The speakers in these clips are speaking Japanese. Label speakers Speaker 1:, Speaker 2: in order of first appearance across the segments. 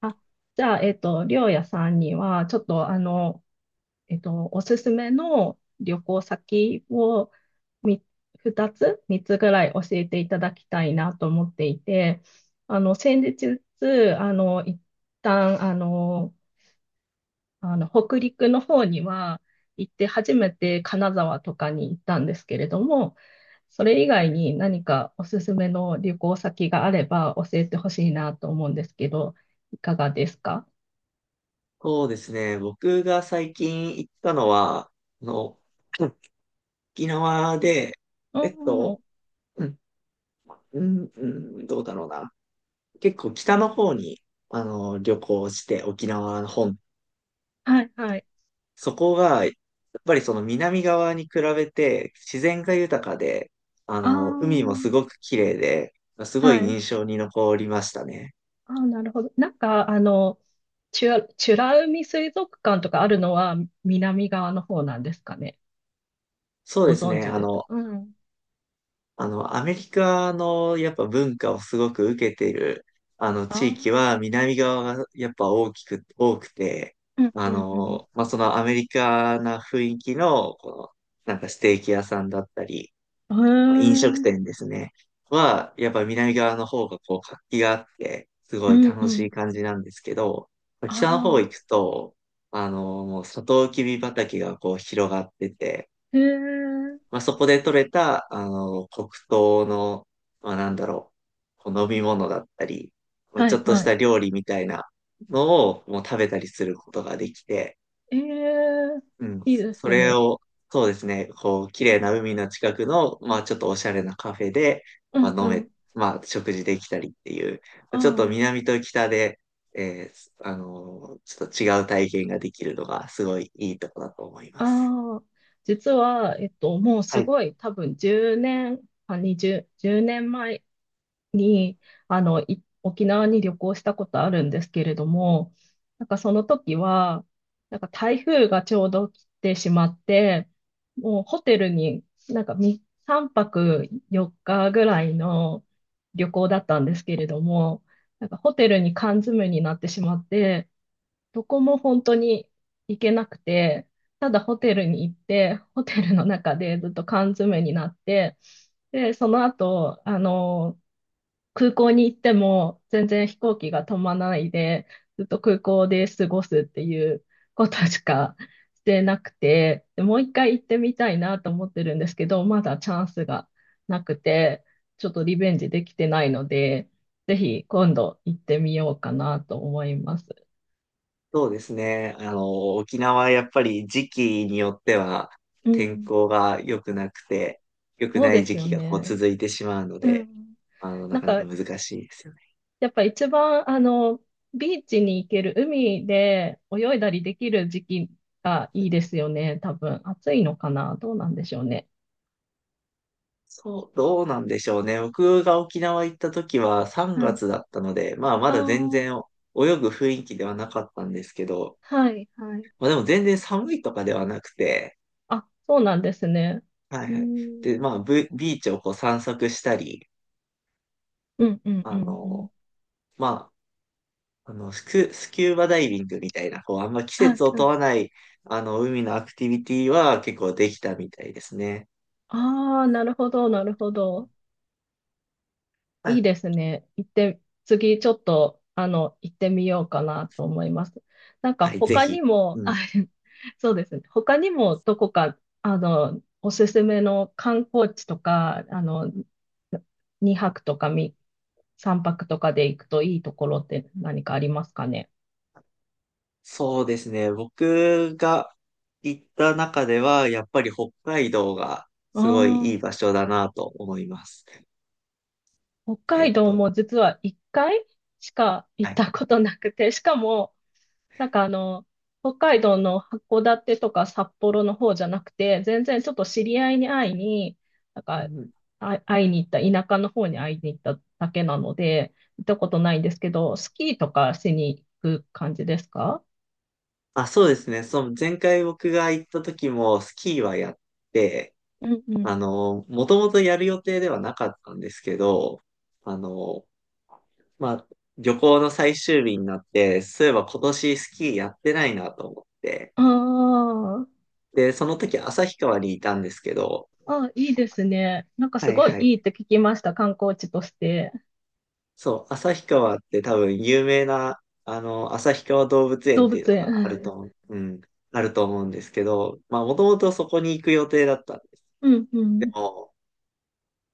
Speaker 1: あ、じゃあ、りょうやさんには、ちょっと、おすすめの旅行先をみ2つ、3つぐらい教えていただきたいなと思っていて、先日、一旦、北陸の方には行って初めて金沢とかに行ったんですけれども、それ以外に何かおすすめの旅行先があれば教えてほしいなと思うんですけど、いかがですか？
Speaker 2: そうですね。僕が最近行ったのは、あの、うん沖縄で、
Speaker 1: お
Speaker 2: えっ
Speaker 1: ー、
Speaker 2: と、うん、うん、うんどうだろうな。結構北の方に、旅行して、沖縄の本。
Speaker 1: はいはい。
Speaker 2: そこが、やっぱりその南側に比べて自然が豊かで、
Speaker 1: あ
Speaker 2: 海もす
Speaker 1: ー、
Speaker 2: ごく綺麗で、すごい
Speaker 1: はい。
Speaker 2: 印象に残りましたね。
Speaker 1: あー、なるほど。なんか、チュラ、美ら海水族館とかあるのは南側の方なんですかね。
Speaker 2: そう
Speaker 1: ご
Speaker 2: です
Speaker 1: 存
Speaker 2: ね。
Speaker 1: 知
Speaker 2: あ
Speaker 1: ですか？
Speaker 2: の、
Speaker 1: うん。
Speaker 2: あの、アメリカのやっぱ文化をすごく受けている、
Speaker 1: あ
Speaker 2: 地域
Speaker 1: あ、
Speaker 2: は南側がやっぱ大きく、多くて、
Speaker 1: うん、うん、
Speaker 2: まあ、そのアメリカな雰囲気の、なんかステーキ屋さんだったり、
Speaker 1: う
Speaker 2: 飲食
Speaker 1: ん。へ
Speaker 2: 店
Speaker 1: え。
Speaker 2: ですね、は、やっぱ南側の方がこう活気があって、す
Speaker 1: う
Speaker 2: ごい
Speaker 1: ん、う
Speaker 2: 楽し
Speaker 1: ん。
Speaker 2: い感じなんですけど、北の方
Speaker 1: あ
Speaker 2: 行く
Speaker 1: あ。
Speaker 2: と、もうサトウキビ畑がこう広がってて、
Speaker 1: へえ。
Speaker 2: まあ、そこで採れた、黒糖の、まあ、なんだろう、こう飲み物だったり、まあ、
Speaker 1: は
Speaker 2: ちょ
Speaker 1: い、
Speaker 2: っとし
Speaker 1: はい。
Speaker 2: た料理みたいなのをもう食べたりすることができて、
Speaker 1: ええ。
Speaker 2: うん、
Speaker 1: いいで
Speaker 2: そ
Speaker 1: す
Speaker 2: れ
Speaker 1: ね。
Speaker 2: を、そうですね、こう、綺麗な海の近くの、まあ、ちょっとおしゃれなカフェで、
Speaker 1: うん、うん。
Speaker 2: まあ、食事できたりっていう、ちょっと
Speaker 1: あ
Speaker 2: 南と北で、ちょっと違う体験ができるのがすごいいいとこだと思い
Speaker 1: あ、
Speaker 2: ます。
Speaker 1: ああ。実は、もう
Speaker 2: は
Speaker 1: す
Speaker 2: い。
Speaker 1: ごい、多分10年、あ、20、10年前に、沖縄に旅行したことあるんですけれども、なんかその時は、なんか台風がちょうど来てしまって、もうホテルになんか3泊4日ぐらいの旅行だったんですけれども、なんかホテルに缶詰になってしまって、どこも本当に行けなくて、ただホテルに行って、ホテルの中でずっと缶詰になって、で、その後、空港に行っても全然飛行機が止まらないで、ずっと空港で過ごすっていうことしかしてなくて、でもう一回行ってみたいなと思ってるんですけど、まだチャンスがなくて、ちょっとリベンジできてないので、ぜひ今度行ってみようかなと思います。
Speaker 2: そうですね。沖縄はやっぱり時期によっては
Speaker 1: う
Speaker 2: 天
Speaker 1: ん、
Speaker 2: 候が良くなくて、良く
Speaker 1: そう
Speaker 2: な
Speaker 1: で
Speaker 2: い
Speaker 1: す
Speaker 2: 時
Speaker 1: よ
Speaker 2: 期がこう
Speaker 1: ね。
Speaker 2: 続いてしまうの
Speaker 1: う
Speaker 2: で、
Speaker 1: ん。
Speaker 2: な
Speaker 1: なん
Speaker 2: かなか
Speaker 1: か
Speaker 2: 難しいですよね。
Speaker 1: やっぱ一番、ビーチに行ける、海で泳いだりできる時期がいいですよね、多分。暑いのかなどうなんでしょうね。
Speaker 2: そう、どうなんでしょうね。僕が沖縄行った時は3
Speaker 1: はい。
Speaker 2: 月だったので、まあま
Speaker 1: あ
Speaker 2: だ全
Speaker 1: あ、
Speaker 2: 然泳ぐ雰囲気ではなかったんですけど、
Speaker 1: はい、はい。
Speaker 2: まあでも全然寒いとかではなくて、
Speaker 1: あ、そうなんですね。
Speaker 2: は
Speaker 1: う
Speaker 2: い
Speaker 1: ー
Speaker 2: はい。で、
Speaker 1: ん、
Speaker 2: まあブビーチをこう散策したり、
Speaker 1: うん、うん、う
Speaker 2: あ
Speaker 1: ん、うん。
Speaker 2: の、まあ、スキューバダイビングみたいな、こう、あんま季
Speaker 1: はい、
Speaker 2: 節を
Speaker 1: は
Speaker 2: 問
Speaker 1: い。
Speaker 2: わない、海のアクティビティは結構できたみたいですね。
Speaker 1: ああ、なるほど、なるほど。いい
Speaker 2: あ
Speaker 1: ですね。行って、次ちょっと、行ってみようかなと思います。なん
Speaker 2: は
Speaker 1: か
Speaker 2: い、ぜ
Speaker 1: 他に
Speaker 2: ひ。
Speaker 1: も、
Speaker 2: う
Speaker 1: あ、
Speaker 2: ん。
Speaker 1: そうですね。他にもどこか、おすすめの観光地とか、2泊とか3泊とかで行くといいところって何かありますかね。
Speaker 2: そうですね。僕が行った中では、やっぱり北海道が
Speaker 1: あ
Speaker 2: すごいいい場所だなと思います。
Speaker 1: あ、北
Speaker 2: え
Speaker 1: 海
Speaker 2: っ
Speaker 1: 道
Speaker 2: と、
Speaker 1: も実は1回しか行
Speaker 2: は
Speaker 1: っ
Speaker 2: い。
Speaker 1: たことなくて、しかも、なんか北海道の函館とか札幌の方じゃなくて、全然ちょっと知り合いに会いに、なん
Speaker 2: う
Speaker 1: か、
Speaker 2: ん
Speaker 1: あ、会いに行った、田舎の方に会いに行っただけなので、行ったことないんですけど、スキーとかしに行く感じですか？
Speaker 2: あ、そうですね。その前回僕が行った時もスキーはやって、
Speaker 1: うん、うん。
Speaker 2: もともとやる予定ではなかったんですけど、あの、まあ、旅行の最終日になって、そういえば今年スキーやってないなと思って。
Speaker 1: あ
Speaker 2: で、その時旭川にいたんですけど、
Speaker 1: あ、あ、いいですね。なんか
Speaker 2: は
Speaker 1: す
Speaker 2: い
Speaker 1: ごい
Speaker 2: は
Speaker 1: い
Speaker 2: い。
Speaker 1: いって聞きました、観光地として。
Speaker 2: そう、旭川って多分有名な、旭川動物園
Speaker 1: 動
Speaker 2: っ
Speaker 1: 物
Speaker 2: ていうの
Speaker 1: 園。
Speaker 2: があると思 う、うん、あると思うんですけど、まあ、もともとそこに行く予定だったんです。
Speaker 1: うん、う
Speaker 2: で
Speaker 1: ん。
Speaker 2: も、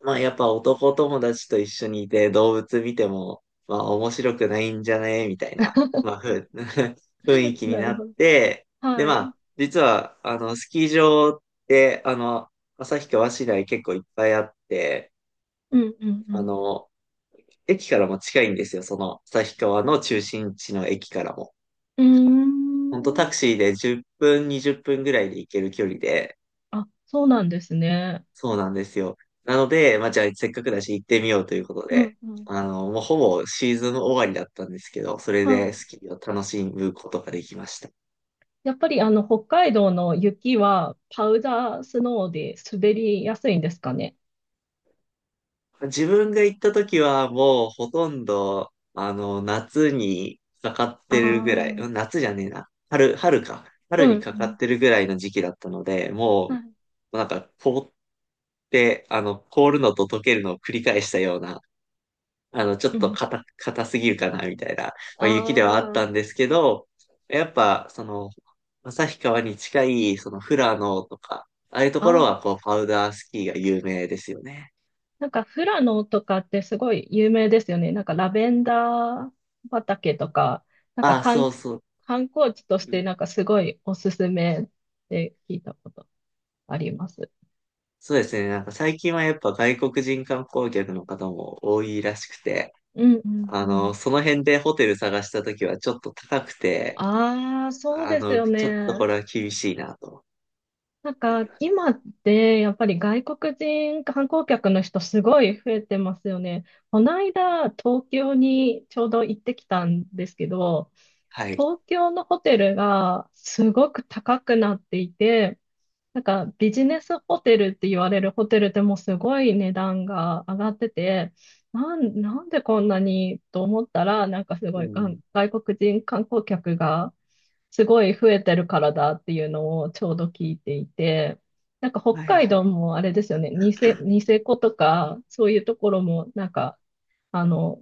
Speaker 2: まあやっぱ男友達と一緒にいて動物見ても、まあ面白くないんじゃねみたいな、まあふ、雰囲気に
Speaker 1: な
Speaker 2: な
Speaker 1: る
Speaker 2: っ
Speaker 1: ほど。
Speaker 2: て、で
Speaker 1: は
Speaker 2: ま
Speaker 1: い。
Speaker 2: あ、実は、スキー場って、旭川市内結構いっぱいあって、
Speaker 1: うん、う
Speaker 2: あ
Speaker 1: ん、
Speaker 2: の、駅からも近いんですよ、その旭川の中心地の駅からも。
Speaker 1: うん。
Speaker 2: ほんとタ
Speaker 1: うーん。
Speaker 2: クシーで10分、20分ぐらいで行ける距離で、
Speaker 1: あ、そうなんですね。
Speaker 2: そうなんですよ。なので、まあ、じゃあせっかくだし行ってみようということ
Speaker 1: う
Speaker 2: で、
Speaker 1: ん、うん。
Speaker 2: もうほぼシーズン終わりだったんですけど、それ
Speaker 1: は
Speaker 2: で
Speaker 1: い。
Speaker 2: スキーを楽しむことができました。
Speaker 1: やっぱり北海道の雪はパウダースノーで滑りやすいんですかね。
Speaker 2: 自分が行った時はもうほとんど、夏にかかっ
Speaker 1: ああ、
Speaker 2: てるぐら
Speaker 1: う
Speaker 2: い、うん
Speaker 1: ん。
Speaker 2: 夏じゃねえな、春、春か。
Speaker 1: う
Speaker 2: 春にかかっ
Speaker 1: ん、
Speaker 2: てるぐらいの時期だったので、
Speaker 1: は
Speaker 2: も
Speaker 1: い。
Speaker 2: う、なんか凍って、あの、凍るのと溶けるのを繰り返したような、ちょ
Speaker 1: う
Speaker 2: っと
Speaker 1: ん。
Speaker 2: 硬すぎるかな、みたいな、まあ、
Speaker 1: あ
Speaker 2: 雪ではあったんですけど、やっぱ、その、旭川に近い、その、富良野とか、ああいうと
Speaker 1: あ、
Speaker 2: こ
Speaker 1: あ
Speaker 2: ろは、
Speaker 1: あ。
Speaker 2: こう、パウダースキーが有名ですよね。
Speaker 1: なんか富良野とかってすごい有名ですよね。なんかラベンダー畑とか、なんか
Speaker 2: ああ、そうそう。
Speaker 1: 観光地とし
Speaker 2: うん
Speaker 1: てなんかすごいおすすめって聞いたことあります。
Speaker 2: そうですね。なんか最近はやっぱ外国人観光客の方も多いらしくて、
Speaker 1: うん、うん、うん。
Speaker 2: その辺でホテル探したときはちょっと高くて、
Speaker 1: ああ、そうですよ
Speaker 2: ちょっと
Speaker 1: ね。
Speaker 2: これは厳しいなと
Speaker 1: なん
Speaker 2: なり
Speaker 1: か、
Speaker 2: ました。
Speaker 1: 今って、やっぱり外国人観光客の人すごい増えてますよね。この間、東京にちょうど行ってきたんですけど、
Speaker 2: はい。
Speaker 1: 東京のホテルがすごく高くなっていて、なんかビジネスホテルって言われるホテルでもすごい値段が上がってて、なんでこんなにと思ったら、なんかす
Speaker 2: う
Speaker 1: ごい
Speaker 2: ん。
Speaker 1: 外国人観光客がすごい増えてるからだっていうのをちょうど聞いていて、なんか北
Speaker 2: はい。
Speaker 1: 海道もあれですよね、ニセコとか、そういうところもなんか、あの、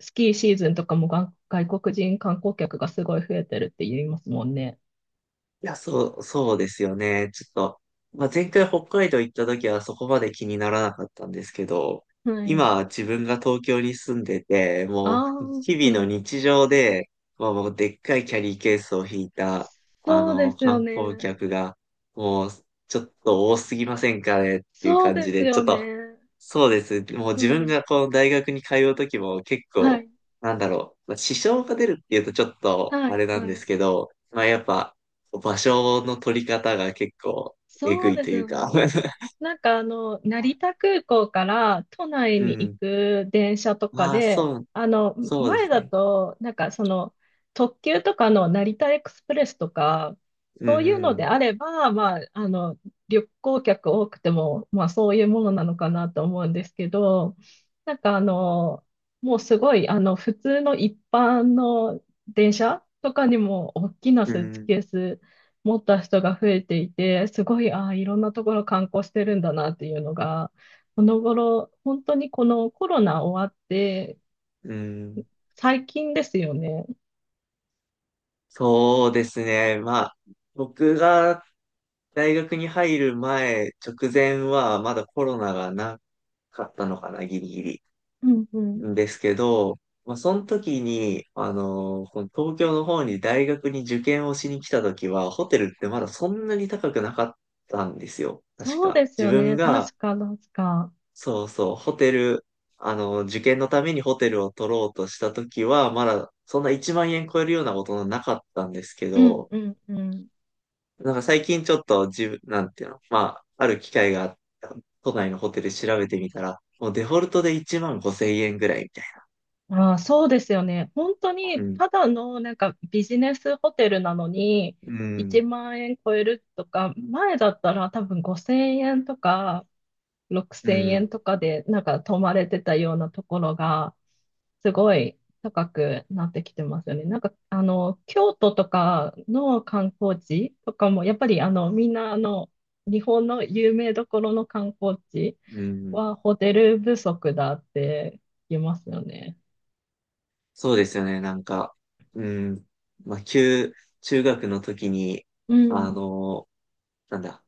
Speaker 1: スキーシーズンとかもが外国人観光客がすごい増えてるって言いますもんね。
Speaker 2: いや、そうですよね。ちょっと、まあ、前回北海道行った時はそこまで気にならなかったんですけど、
Speaker 1: はい。
Speaker 2: 今自分が東京に住んでて、
Speaker 1: あ
Speaker 2: もう
Speaker 1: あ、う
Speaker 2: 日々の
Speaker 1: ん、
Speaker 2: 日常で、まあ、もうでっかいキャリーケースを引いた、
Speaker 1: そうですよ
Speaker 2: 観光
Speaker 1: ね。
Speaker 2: 客が、もうちょっと多すぎませんかねっていう
Speaker 1: そう
Speaker 2: 感
Speaker 1: で
Speaker 2: じ
Speaker 1: す
Speaker 2: で、ちょ
Speaker 1: よ
Speaker 2: っと
Speaker 1: ね。
Speaker 2: そうです。もう
Speaker 1: う
Speaker 2: 自分
Speaker 1: ん。
Speaker 2: がこう大学に通うときも結
Speaker 1: は
Speaker 2: 構、
Speaker 1: い。
Speaker 2: なんだろう、まあ支障が出るっていうとちょっと
Speaker 1: は
Speaker 2: あ
Speaker 1: い。
Speaker 2: れな
Speaker 1: は
Speaker 2: んで
Speaker 1: い。
Speaker 2: すけど、まあやっぱ場所の取り方が結構えぐ
Speaker 1: そう
Speaker 2: い
Speaker 1: で
Speaker 2: と
Speaker 1: す
Speaker 2: いう
Speaker 1: よ
Speaker 2: か、
Speaker 1: ね。なんか成 田空港から都内
Speaker 2: う
Speaker 1: に行
Speaker 2: ん。
Speaker 1: く電車とか
Speaker 2: まあ
Speaker 1: で、
Speaker 2: そう、そうで
Speaker 1: 前
Speaker 2: す
Speaker 1: だ
Speaker 2: ね。
Speaker 1: と、なんかその、特急とかの成田エクスプレスとか、
Speaker 2: う
Speaker 1: そういうので
Speaker 2: ん、
Speaker 1: あれば、まあ、旅行客多くても、まあそういうものなのかなと思うんですけど、なんかもうすごい、普通の一般の電車とかにも大きな
Speaker 2: う
Speaker 1: スーツ
Speaker 2: ん、
Speaker 1: ケース持った人が増えていて、すごい、ああ、いろんなところ観光してるんだなっていうのが、この頃、本当にこのコロナ終わって、
Speaker 2: うん。
Speaker 1: 最近ですよね。
Speaker 2: そうですね。まあ僕が大学に入る前、直前はまだコロナがなかったのかな、ギリギリ。
Speaker 1: うん、うん。
Speaker 2: んですけど、まあ、その時に、この東京の方に大学に受験をしに来た時は、ホテルってまだそんなに高くなかったんですよ。確
Speaker 1: そう
Speaker 2: か。
Speaker 1: です
Speaker 2: 自
Speaker 1: よ
Speaker 2: 分
Speaker 1: ね。
Speaker 2: が、
Speaker 1: 確か、確か。
Speaker 2: そうそう、ホテル、あのー受験のためにホテルを取ろうとした時は、まだそんな1万円超えるようなことなかったんですけ
Speaker 1: うん、
Speaker 2: ど、
Speaker 1: うん、うん。
Speaker 2: なんか最近ちょっと自分、なんていうの、まあ、ある機会があった、都内のホテル調べてみたら、もうデフォルトで1万5千円ぐらいみたいな。
Speaker 1: ああ、そうですよね。本当
Speaker 2: う
Speaker 1: に、
Speaker 2: ん。
Speaker 1: ただのなんかビジネスホテルなのに、
Speaker 2: う
Speaker 1: 1
Speaker 2: ん。
Speaker 1: 万円超えるとか、前だったら多分5000円とか、
Speaker 2: う
Speaker 1: 6000円
Speaker 2: ん、
Speaker 1: とかでなんか泊まれてたようなところが、すごい高くなってきてますよね。なんか、京都とかの観光地とかも、やっぱりみんな日本の有名どころの観光地
Speaker 2: うん、
Speaker 1: はホテル不足だって言いますよね。
Speaker 2: そうですよね。なんか、うん、まあ、旧、中学の時に、
Speaker 1: う
Speaker 2: あ
Speaker 1: ん。
Speaker 2: の、なんだ、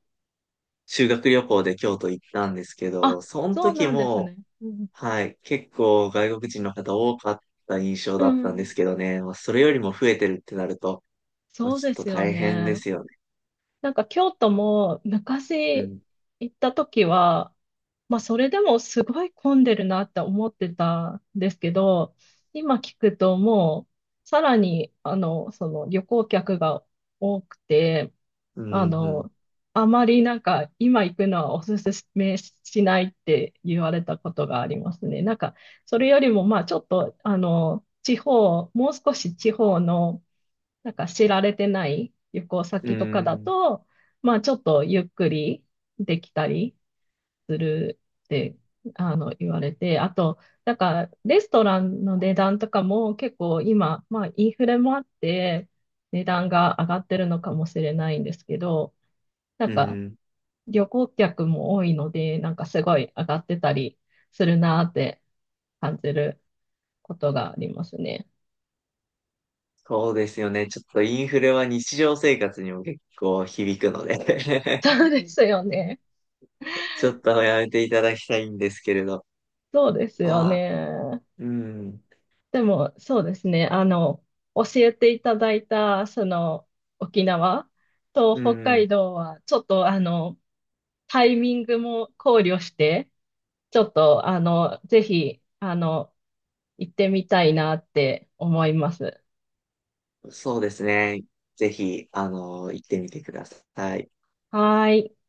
Speaker 2: 修学旅行で京都行ったんですけ
Speaker 1: あ、
Speaker 2: ど、その
Speaker 1: そう
Speaker 2: 時
Speaker 1: なんです
Speaker 2: も、
Speaker 1: ね。うん。
Speaker 2: はい、結構外国人の方多かった印象
Speaker 1: う
Speaker 2: だったんで
Speaker 1: ん。
Speaker 2: すけどね、まあ、それよりも増えてるってなると、まあ、
Speaker 1: そう
Speaker 2: ちょっ
Speaker 1: で
Speaker 2: と
Speaker 1: すよ
Speaker 2: 大変
Speaker 1: ね。
Speaker 2: ですよね。
Speaker 1: なんか京都も
Speaker 2: う
Speaker 1: 昔
Speaker 2: ん、
Speaker 1: 行った時は、まあそれでもすごい混んでるなって思ってたんですけど、今聞くともうさらにその旅行客が多くて、
Speaker 2: う
Speaker 1: あ
Speaker 2: ん、
Speaker 1: の、あまりなんか今行くのはおすすめしないって言われたことがありますね。なんかそれよりもまあちょっと地方、もう少し地方のなんか知られてない旅行
Speaker 2: うん、
Speaker 1: 先
Speaker 2: う
Speaker 1: とかだ
Speaker 2: ん、
Speaker 1: と、まあちょっとゆっくりできたりするって言われて、あと、なんかレストランの値段とかも結構今、まあインフレもあって値段が上がってるのかもしれないんですけど、な
Speaker 2: う
Speaker 1: んか
Speaker 2: ん、
Speaker 1: 旅行客も多いので、なんかすごい上がってたりするなーって感じることがありますね。
Speaker 2: そうですよね。ちょっとインフレは日常生活にも結構響くので
Speaker 1: そうで すよね。
Speaker 2: ちょっとやめていただきたいんですけれど。
Speaker 1: そうですよ
Speaker 2: まあ、
Speaker 1: ね。
Speaker 2: うん、
Speaker 1: でも、そうですね。教えていただいた、その、沖縄と
Speaker 2: う
Speaker 1: 北
Speaker 2: ん、
Speaker 1: 海道は、ちょっと、タイミングも考慮して、ちょっと、ぜひ、行ってみたいなって思います。
Speaker 2: そうですね。ぜひ、行ってみてください。
Speaker 1: はーい。